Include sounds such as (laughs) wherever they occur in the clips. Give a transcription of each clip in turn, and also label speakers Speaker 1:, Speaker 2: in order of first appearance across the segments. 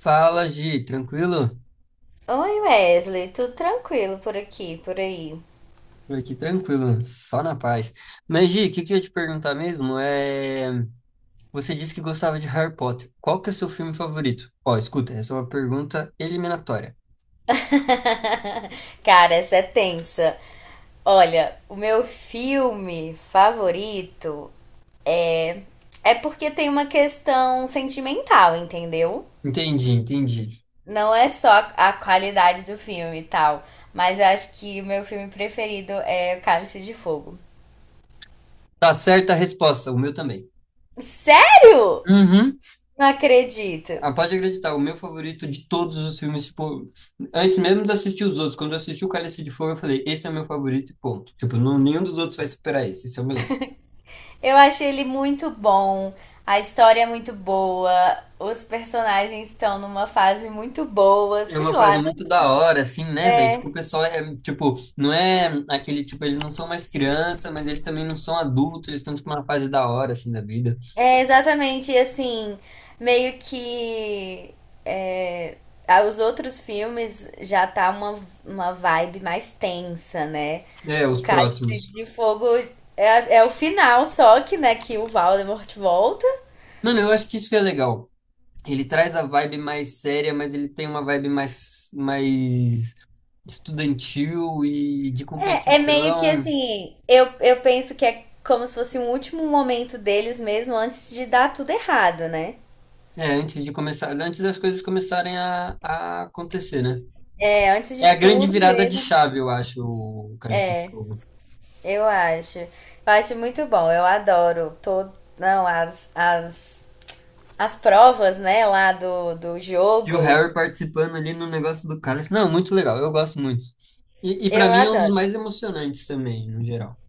Speaker 1: Fala, Gi, tranquilo?
Speaker 2: Oi Wesley, tudo tranquilo por aqui, por aí?
Speaker 1: Por aqui tranquilo, só na paz. Mas, Gi, o que que eu ia te perguntar mesmo é... Você disse que gostava de Harry Potter. Qual que é o seu filme favorito? Ó, escuta, essa é uma pergunta eliminatória.
Speaker 2: (laughs) Cara, essa é tensa. Olha, o meu filme favorito é porque tem uma questão sentimental, entendeu?
Speaker 1: Entendi, entendi.
Speaker 2: Não é só a qualidade do filme e tal, mas eu acho que o meu filme preferido é O Cálice de Fogo.
Speaker 1: Tá certa a resposta, o meu também.
Speaker 2: Sério?
Speaker 1: Uhum.
Speaker 2: Não acredito.
Speaker 1: Ah, pode acreditar, o meu favorito de todos os filmes, tipo... Antes mesmo de assistir os outros, quando eu assisti o Cálice de Fogo, eu falei, esse é o meu favorito e ponto. Tipo, não, nenhum dos outros vai superar esse, esse é o melhor.
Speaker 2: Eu achei ele muito bom, a história é muito boa, os personagens estão numa fase muito boa,
Speaker 1: É
Speaker 2: sei
Speaker 1: uma
Speaker 2: lá,
Speaker 1: fase
Speaker 2: né?
Speaker 1: muito da hora, assim, né, velho? Tipo,
Speaker 2: É,
Speaker 1: o pessoal é, tipo, não é aquele, tipo, eles não são mais criança, mas eles também não são adultos, eles estão, tipo, numa fase da hora, assim, da vida.
Speaker 2: É exatamente assim, meio que é, os outros filmes já tá uma vibe mais tensa, né?
Speaker 1: É,
Speaker 2: O
Speaker 1: os
Speaker 2: Cálice
Speaker 1: próximos.
Speaker 2: de Fogo é o final, só que, né, que o Voldemort volta.
Speaker 1: Mano, eu acho que isso que é legal. Ele traz a vibe mais séria, mas ele tem uma vibe mais estudantil e de
Speaker 2: É meio que
Speaker 1: competição.
Speaker 2: assim, eu penso que é como se fosse um último momento deles mesmo antes de dar tudo errado, né?
Speaker 1: É, antes de começar, antes das coisas começarem a acontecer, né?
Speaker 2: É, antes
Speaker 1: É
Speaker 2: de
Speaker 1: a grande
Speaker 2: tudo
Speaker 1: virada de
Speaker 2: mesmo,
Speaker 1: chave, eu acho, o Cálice de Fogo.
Speaker 2: eu acho. Eu acho muito bom, eu adoro todo, não, as provas, né, lá do,
Speaker 1: E o
Speaker 2: jogo.
Speaker 1: Harry participando ali no negócio do cálice. Não, muito legal, eu gosto muito. E para
Speaker 2: Eu
Speaker 1: mim é um dos
Speaker 2: adoro,
Speaker 1: mais emocionantes também, no geral.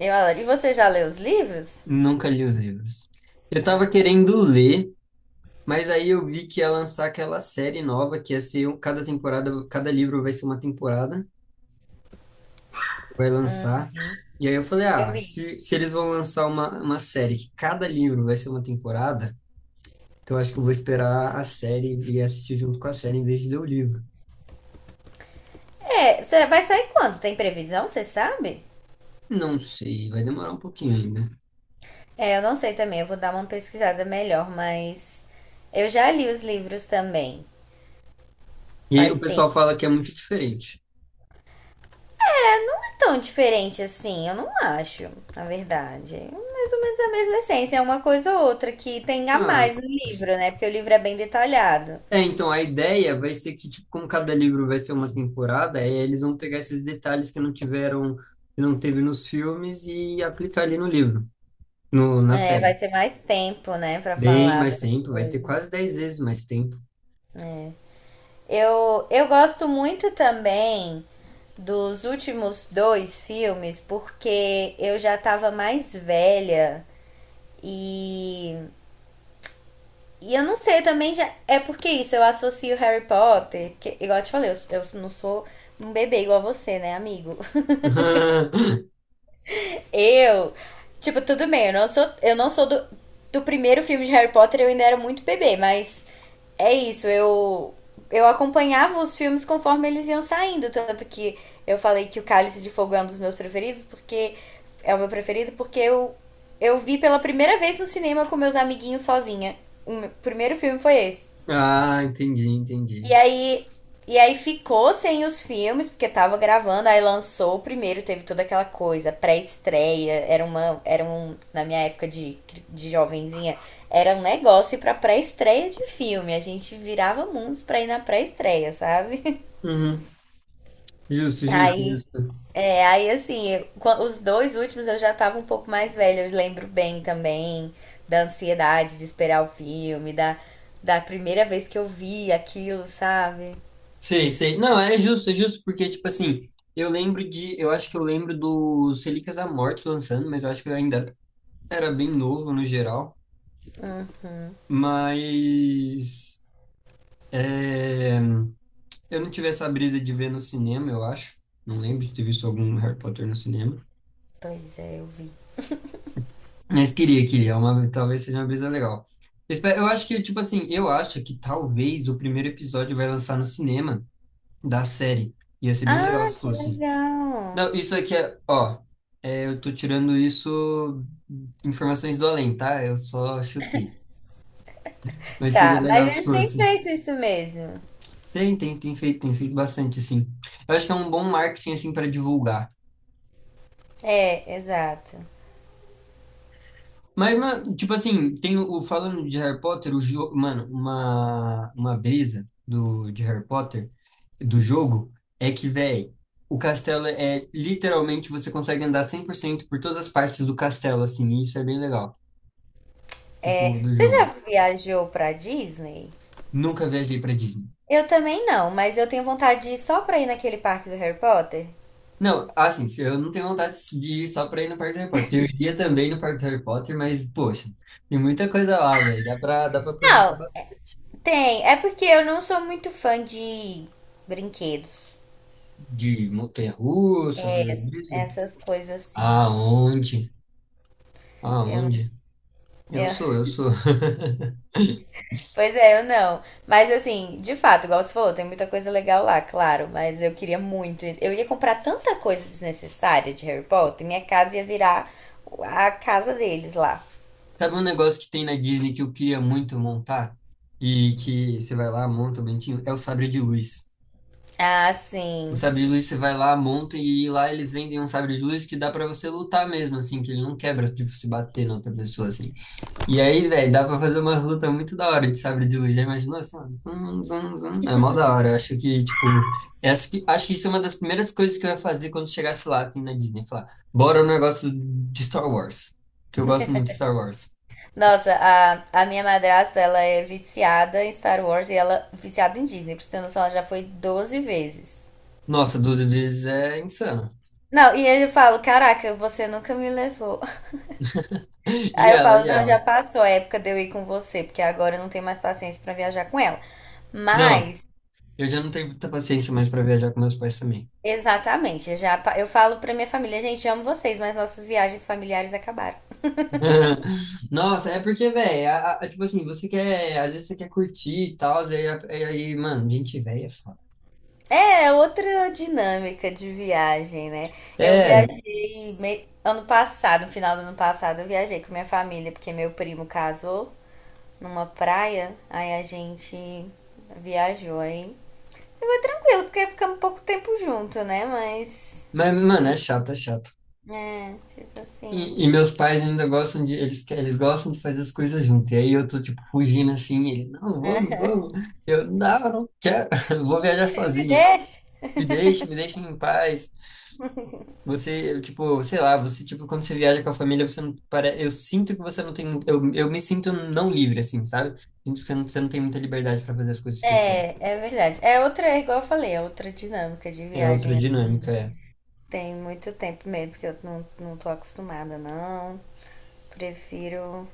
Speaker 2: eu adoro. E você já leu os livros?
Speaker 1: Nunca li os livros. Eu
Speaker 2: Ah,
Speaker 1: tava querendo ler, mas aí eu vi que ia lançar aquela série nova, que ia ser um- cada temporada, cada livro vai ser uma temporada, vai lançar. E aí eu falei,
Speaker 2: eu
Speaker 1: ah,
Speaker 2: vi.
Speaker 1: se eles vão lançar uma série que cada livro vai ser uma temporada, então eu acho que eu vou esperar a série e assistir junto com a série em vez de ler o livro.
Speaker 2: É, vai sair quando? Tem previsão, você sabe?
Speaker 1: Não sei, vai demorar um pouquinho ainda.
Speaker 2: É, eu não sei também, eu vou dar uma pesquisada melhor, mas eu já li os livros também.
Speaker 1: E
Speaker 2: Faz
Speaker 1: o pessoal
Speaker 2: tempo.
Speaker 1: fala que é muito diferente.
Speaker 2: Não é tão diferente assim, eu não acho, na verdade. É mais ou menos a mesma essência, é uma coisa ou outra que tem a
Speaker 1: Ah,
Speaker 2: mais no livro, né? Porque o livro é bem detalhado.
Speaker 1: é, então a ideia vai ser que, tipo, como cada livro vai ser uma temporada, é, eles vão pegar esses detalhes que não tiveram, que não teve nos filmes e aplicar ali no livro, no, na
Speaker 2: É,
Speaker 1: série.
Speaker 2: vai ter mais tempo, né, pra
Speaker 1: Bem
Speaker 2: falar
Speaker 1: mais
Speaker 2: das
Speaker 1: tempo, vai ter
Speaker 2: coisas.
Speaker 1: quase dez vezes mais tempo.
Speaker 2: Eu gosto muito também dos últimos dois filmes, porque eu já tava mais velha e E eu não sei, eu também já. É porque isso, eu associo Harry Potter. Porque, igual eu te falei, eu não sou um bebê igual você, né, amigo?
Speaker 1: (laughs)
Speaker 2: (laughs) Eu. Tipo, tudo bem, eu não sou do, primeiro filme de Harry Potter, eu ainda era muito bebê, mas é isso, eu. Eu acompanhava os filmes conforme eles iam saindo. Tanto que eu falei que o Cálice de Fogo é um dos meus preferidos, porque. É o meu preferido, porque eu vi pela primeira vez no cinema com meus amiguinhos sozinha. O primeiro filme foi esse.
Speaker 1: Ah, entendi, entendi.
Speaker 2: E aí, e aí ficou sem os filmes, porque tava gravando, aí lançou o primeiro, teve toda aquela coisa, pré-estreia, era uma, era um, na minha época de, jovenzinha, era um negócio para pré-estreia de filme, a gente virava mundos pra ir na pré-estreia, sabe? (laughs)
Speaker 1: Uhum. Justo, justo,
Speaker 2: Aí,
Speaker 1: justo.
Speaker 2: aí assim, os dois últimos eu já tava um pouco mais velha, eu lembro bem também da ansiedade de esperar o filme, da primeira vez que eu vi aquilo, sabe?
Speaker 1: Sei, sei. Não, é justo, porque, tipo assim, eu lembro de. Eu acho que eu lembro do Relíquias da Morte lançando, mas eu acho que eu ainda era bem novo no geral, mas é, eu não tive essa brisa de ver no cinema, eu acho. Não lembro de ter visto algum Harry Potter no cinema.
Speaker 2: Pois é, eu vi.
Speaker 1: Mas queria, queria. É uma, talvez seja uma brisa legal. Eu Espe- Eu acho que, tipo assim, eu acho que talvez o primeiro episódio vai lançar no cinema da série. Ia ser bem legal
Speaker 2: Ah,
Speaker 1: se
Speaker 2: que
Speaker 1: fosse.
Speaker 2: legal.
Speaker 1: Não, isso aqui é, ó, é, eu tô tirando isso informações do além, tá? Eu só chutei. Mas seria
Speaker 2: Tá, mas
Speaker 1: legal se
Speaker 2: eles têm
Speaker 1: fosse.
Speaker 2: feito isso mesmo.
Speaker 1: Tem, tem, tem feito bastante, assim. Eu acho que é um bom marketing, assim, para divulgar.
Speaker 2: É, exato.
Speaker 1: Mas, mano, tipo assim, tem o falando de Harry Potter, o jogo, mano, uma brisa de Harry Potter, do jogo, é que, velho, o castelo é, literalmente, você consegue andar 100 por cento por todas as partes do castelo, assim, e isso é bem legal, tipo, do
Speaker 2: Você já
Speaker 1: jogo.
Speaker 2: viajou pra Disney?
Speaker 1: Nunca viajei pra Disney.
Speaker 2: Eu também não, mas eu tenho vontade de ir só pra ir naquele parque do Harry Potter.
Speaker 1: Não, assim, se eu não tenho vontade de ir só pra ir no Parque do Harry Potter. Eu iria também no Parque do Harry Potter, mas, poxa, tem muita coisa lá, velho. Dá pra aproveitar
Speaker 2: Não,
Speaker 1: ba-
Speaker 2: tem. É porque eu não sou muito fã de brinquedos,
Speaker 1: de montanha-russa, essas brisas.
Speaker 2: essas coisas assim.
Speaker 1: Aonde?
Speaker 2: Eu,
Speaker 1: Aonde? Eu
Speaker 2: eu, (laughs)
Speaker 1: sou, eu sou.
Speaker 2: Pois é, eu não. Mas assim, de fato, igual você falou, tem muita coisa legal lá, claro. Mas eu queria muito. Eu ia comprar tanta coisa desnecessária de Harry Potter, minha casa ia virar a casa deles lá.
Speaker 1: (laughs) Sabe um negócio que tem na Disney que eu queria muito montar? E que você vai lá, monta o bentinho? É o sabre de luz.
Speaker 2: Ah,
Speaker 1: O
Speaker 2: sim.
Speaker 1: sabre de luz você vai lá, monta e lá eles vendem um sabre de luz que dá pra você lutar mesmo, assim, que ele não quebra de você bater na outra pessoa, assim. E aí, velho, dá pra fazer uma luta muito da hora de sabre de luz. Já imaginou assim? Ó, zum, zum, zum. É mó da hora. Eu acho que, tipo, é, acho que isso é uma das primeiras coisas que eu ia fazer quando chegasse lá assim, na Disney. Falar, bora no negócio de Star Wars. Que eu gosto muito de Star Wars.
Speaker 2: Nossa, a minha madrasta, ela é viciada em Star Wars e ela é viciada em Disney. Pra você ter noção, ela já foi 12 vezes.
Speaker 1: Nossa, doze vezes é insano.
Speaker 2: Não, e aí eu falo, caraca, você nunca me levou. (laughs)
Speaker 1: (laughs) E
Speaker 2: Aí eu
Speaker 1: ela,
Speaker 2: falo,
Speaker 1: e
Speaker 2: não, já
Speaker 1: ela.
Speaker 2: passou a época de eu ir com você, porque agora eu não tenho mais paciência pra viajar com ela.
Speaker 1: Não,
Speaker 2: Mas.
Speaker 1: eu já não tenho muita paciência mais pra viajar com meus pais também.
Speaker 2: Exatamente. Eu falo pra minha família, gente, amo vocês, mas nossas viagens familiares acabaram.
Speaker 1: (laughs) Nossa, é porque, velho, tipo assim, você quer, às vezes você quer curtir e tal, e aí, mano, gente velha. É.
Speaker 2: É outra dinâmica de viagem, né? Eu
Speaker 1: É,
Speaker 2: viajei ano passado, no final do ano passado, eu viajei com minha família, porque meu primo casou numa praia, aí a gente viajou aí. Tranquilo, porque ficamos pouco tempo junto, né? Mas,
Speaker 1: mas, mano, é chato, é chato.
Speaker 2: tipo assim.
Speaker 1: E meus pais ainda gostam de, eles, que- eles gostam de fazer as coisas juntos. E aí eu tô, tipo, fugindo assim, e ele, não, vamos. Eu, não, não quero, (laughs) vou viajar
Speaker 2: É
Speaker 1: sozinho.
Speaker 2: verdade.
Speaker 1: Me deixe, me deixem em paz. Você, eu, tipo, sei lá, você, tipo, quando você viaja com a família, você não, para, eu sinto que você não tem, eu me sinto não livre, assim, sabe? Sinto que você não tem muita liberdade para fazer as coisas que você quer.
Speaker 2: É verdade. É outra, é igual eu falei, é outra dinâmica de
Speaker 1: É outra
Speaker 2: viagem.
Speaker 1: dinâmica, é.
Speaker 2: Tem muito tempo mesmo, porque eu não tô acostumada, não. Prefiro,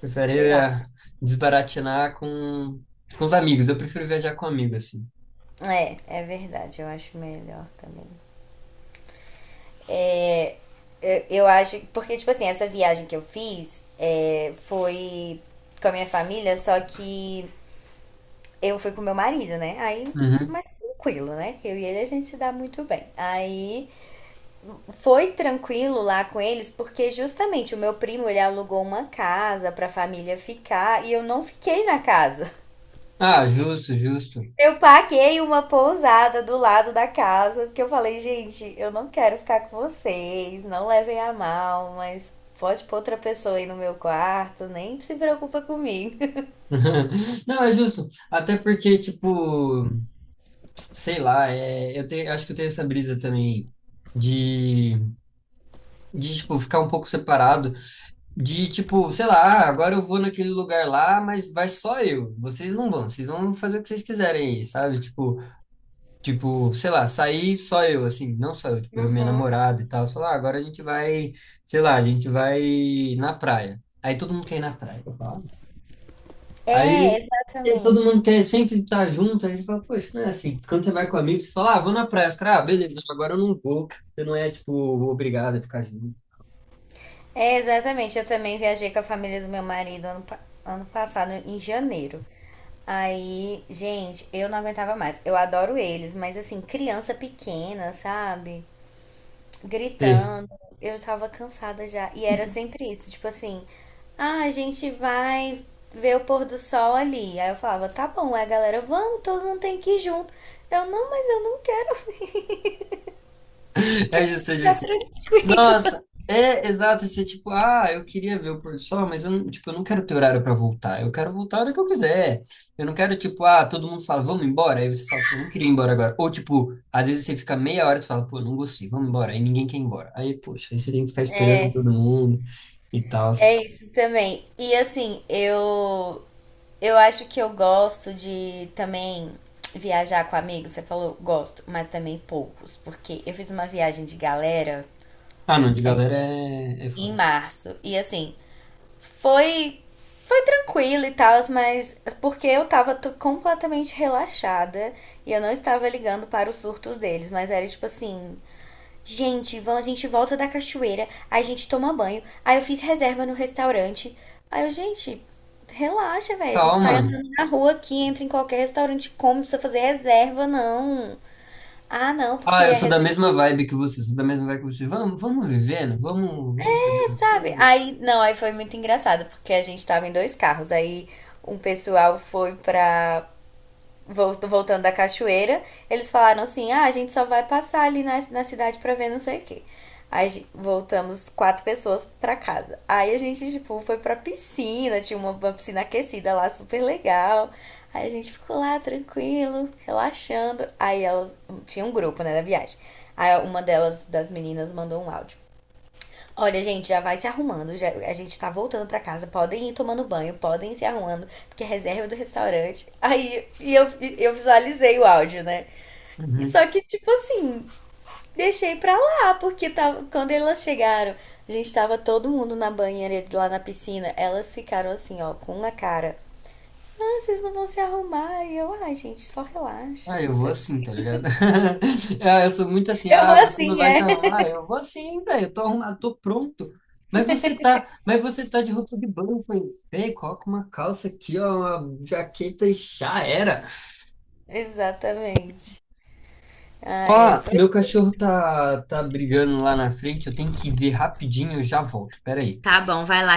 Speaker 1: Prefere
Speaker 2: sei lá.
Speaker 1: eh, desbaratinar com os amigos. Eu prefiro viajar com amigo, assim.
Speaker 2: É verdade, eu acho melhor também. Eu acho, porque, tipo assim, essa viagem que eu fiz é, foi com a minha família, só que eu fui com meu marido, né? Aí,
Speaker 1: Uhum.
Speaker 2: mais tranquilo, né? Eu e ele a gente se dá muito bem. Aí, foi tranquilo lá com eles, porque justamente o meu primo ele alugou uma casa pra família ficar e eu não fiquei na casa.
Speaker 1: Ah, justo, justo.
Speaker 2: Eu paguei uma pousada do lado da casa, porque eu falei, gente, eu não quero ficar com vocês, não levem a mal, mas pode pôr outra pessoa aí no meu quarto, nem se preocupa comigo. (laughs)
Speaker 1: (laughs) Não, é justo. Até porque, tipo, sei lá, é, eu tenho, acho que eu tenho essa brisa também de, de, tipo, ficar um pouco separado. De, tipo, sei lá, ah, agora eu vou naquele lugar lá, mas vai só eu. Vocês não vão, vocês vão fazer o que vocês quiserem aí, sabe? Tipo, tipo, sei lá, sair só eu, assim, não só eu, tipo, eu e minha
Speaker 2: Uhum.
Speaker 1: namorada e tal. Você fala, ah, agora a gente vai, sei lá, a gente vai na praia. Aí todo mundo quer ir na praia. Eu falo, ah.
Speaker 2: É,
Speaker 1: Aí e todo
Speaker 2: exatamente.
Speaker 1: mundo quer sempre estar junto. Aí você fala, poxa, não é assim. Quando você vai com amigos, você fala, ah, vou na praia. Os caras, ah, beleza, agora eu não vou. Você não é, tipo, obrigado a ficar junto.
Speaker 2: É, exatamente. Eu também viajei com a família do meu marido ano passado, em janeiro. Aí, gente, eu não aguentava mais. Eu adoro eles, mas assim, criança pequena, sabe,
Speaker 1: Sim.
Speaker 2: gritando. Eu tava cansada já. E era sempre isso, tipo assim, ah, a gente vai ver o pôr do sol ali. Aí eu falava, tá bom, é galera, vamos, todo mundo tem que ir junto. Eu, não, mas eu não quero, (laughs) eu
Speaker 1: (laughs) É
Speaker 2: quero
Speaker 1: justo, é
Speaker 2: ficar
Speaker 1: justo.
Speaker 2: tranquila.
Speaker 1: Nossa, é exato, você tipo, ah, eu queria ver o pôr do sol, mas eu não, tipo, eu não quero ter horário para voltar. Eu quero voltar a hora que eu quiser. Eu não quero tipo, ah, todo mundo fala, vamos embora, aí você fala, pô, eu não queria ir embora agora. Ou tipo, às vezes você fica meia hora e você fala, pô, eu não gostei, vamos embora, aí ninguém quer ir embora. Aí, poxa, aí você tem que ficar esperando
Speaker 2: É,
Speaker 1: todo mundo e tal.
Speaker 2: é isso também. E assim, eu acho que eu gosto de também viajar com amigos. Você falou gosto, mas também poucos, porque eu fiz uma viagem de galera
Speaker 1: Ah, não, de galera é, é
Speaker 2: em
Speaker 1: foda.
Speaker 2: março. E assim, Foi foi tranquilo e tal, mas porque eu tava completamente relaxada e eu não estava ligando para os surtos deles, mas era tipo assim, gente, vamos, a gente volta da cachoeira, aí a gente toma banho, aí eu fiz reserva no restaurante. Aí eu, gente, relaxa, velho, a gente sai
Speaker 1: Calma.
Speaker 2: andando na rua aqui, entra em qualquer restaurante, come, não precisa fazer reserva, não. Ah, não, porque
Speaker 1: Ah, eu
Speaker 2: é
Speaker 1: sou da
Speaker 2: reserva,
Speaker 1: mesma vibe que você, sou da mesma vibe que você. Vamos, vamos vivendo, vamos, vamos fazendo as
Speaker 2: sabe?
Speaker 1: coisas.
Speaker 2: Aí, não, aí foi muito engraçado, porque a gente tava em dois carros, aí um pessoal foi pra voltando da cachoeira, eles falaram assim: ah, a gente só vai passar ali na, cidade pra ver não sei o quê. Aí voltamos quatro pessoas pra casa. Aí a gente, tipo, foi pra piscina, tinha uma piscina aquecida lá, super legal. Aí a gente ficou lá tranquilo, relaxando. Aí elas. Tinha um grupo, né, da viagem. Aí uma delas, das meninas, mandou um áudio. Olha, gente, já vai se arrumando. A gente tá voltando pra casa. Podem ir tomando banho, podem ir se arrumando, porque a reserva é do restaurante. Aí e eu visualizei o áudio, né? E
Speaker 1: Uhum.
Speaker 2: só que, tipo assim, deixei pra lá, porque tava, quando elas chegaram, a gente tava todo mundo na banheira lá na piscina. Elas ficaram assim, ó, com uma cara. Ah, vocês não vão se arrumar. E eu, ai, gente, só relaxa.
Speaker 1: Ah, eu
Speaker 2: Tô
Speaker 1: vou
Speaker 2: tranquila.
Speaker 1: assim, tá ligado? (laughs) Ah, eu sou muito assim,
Speaker 2: Eu vou
Speaker 1: ah, você não
Speaker 2: assim,
Speaker 1: vai se
Speaker 2: é. (laughs)
Speaker 1: arrumar? Eu vou assim, velho, eu tô arrumado, tô pronto. Mas você tá de roupa de banho, pô. Vem, coloca uma calça aqui, ó, uma jaqueta e já era.
Speaker 2: Exatamente. Ah,
Speaker 1: Ó,
Speaker 2: é. Pois.
Speaker 1: meu cachorro tá, tá brigando lá na frente, eu tenho que ver rapidinho, eu já volto, peraí.
Speaker 2: Tá bom, vai lá.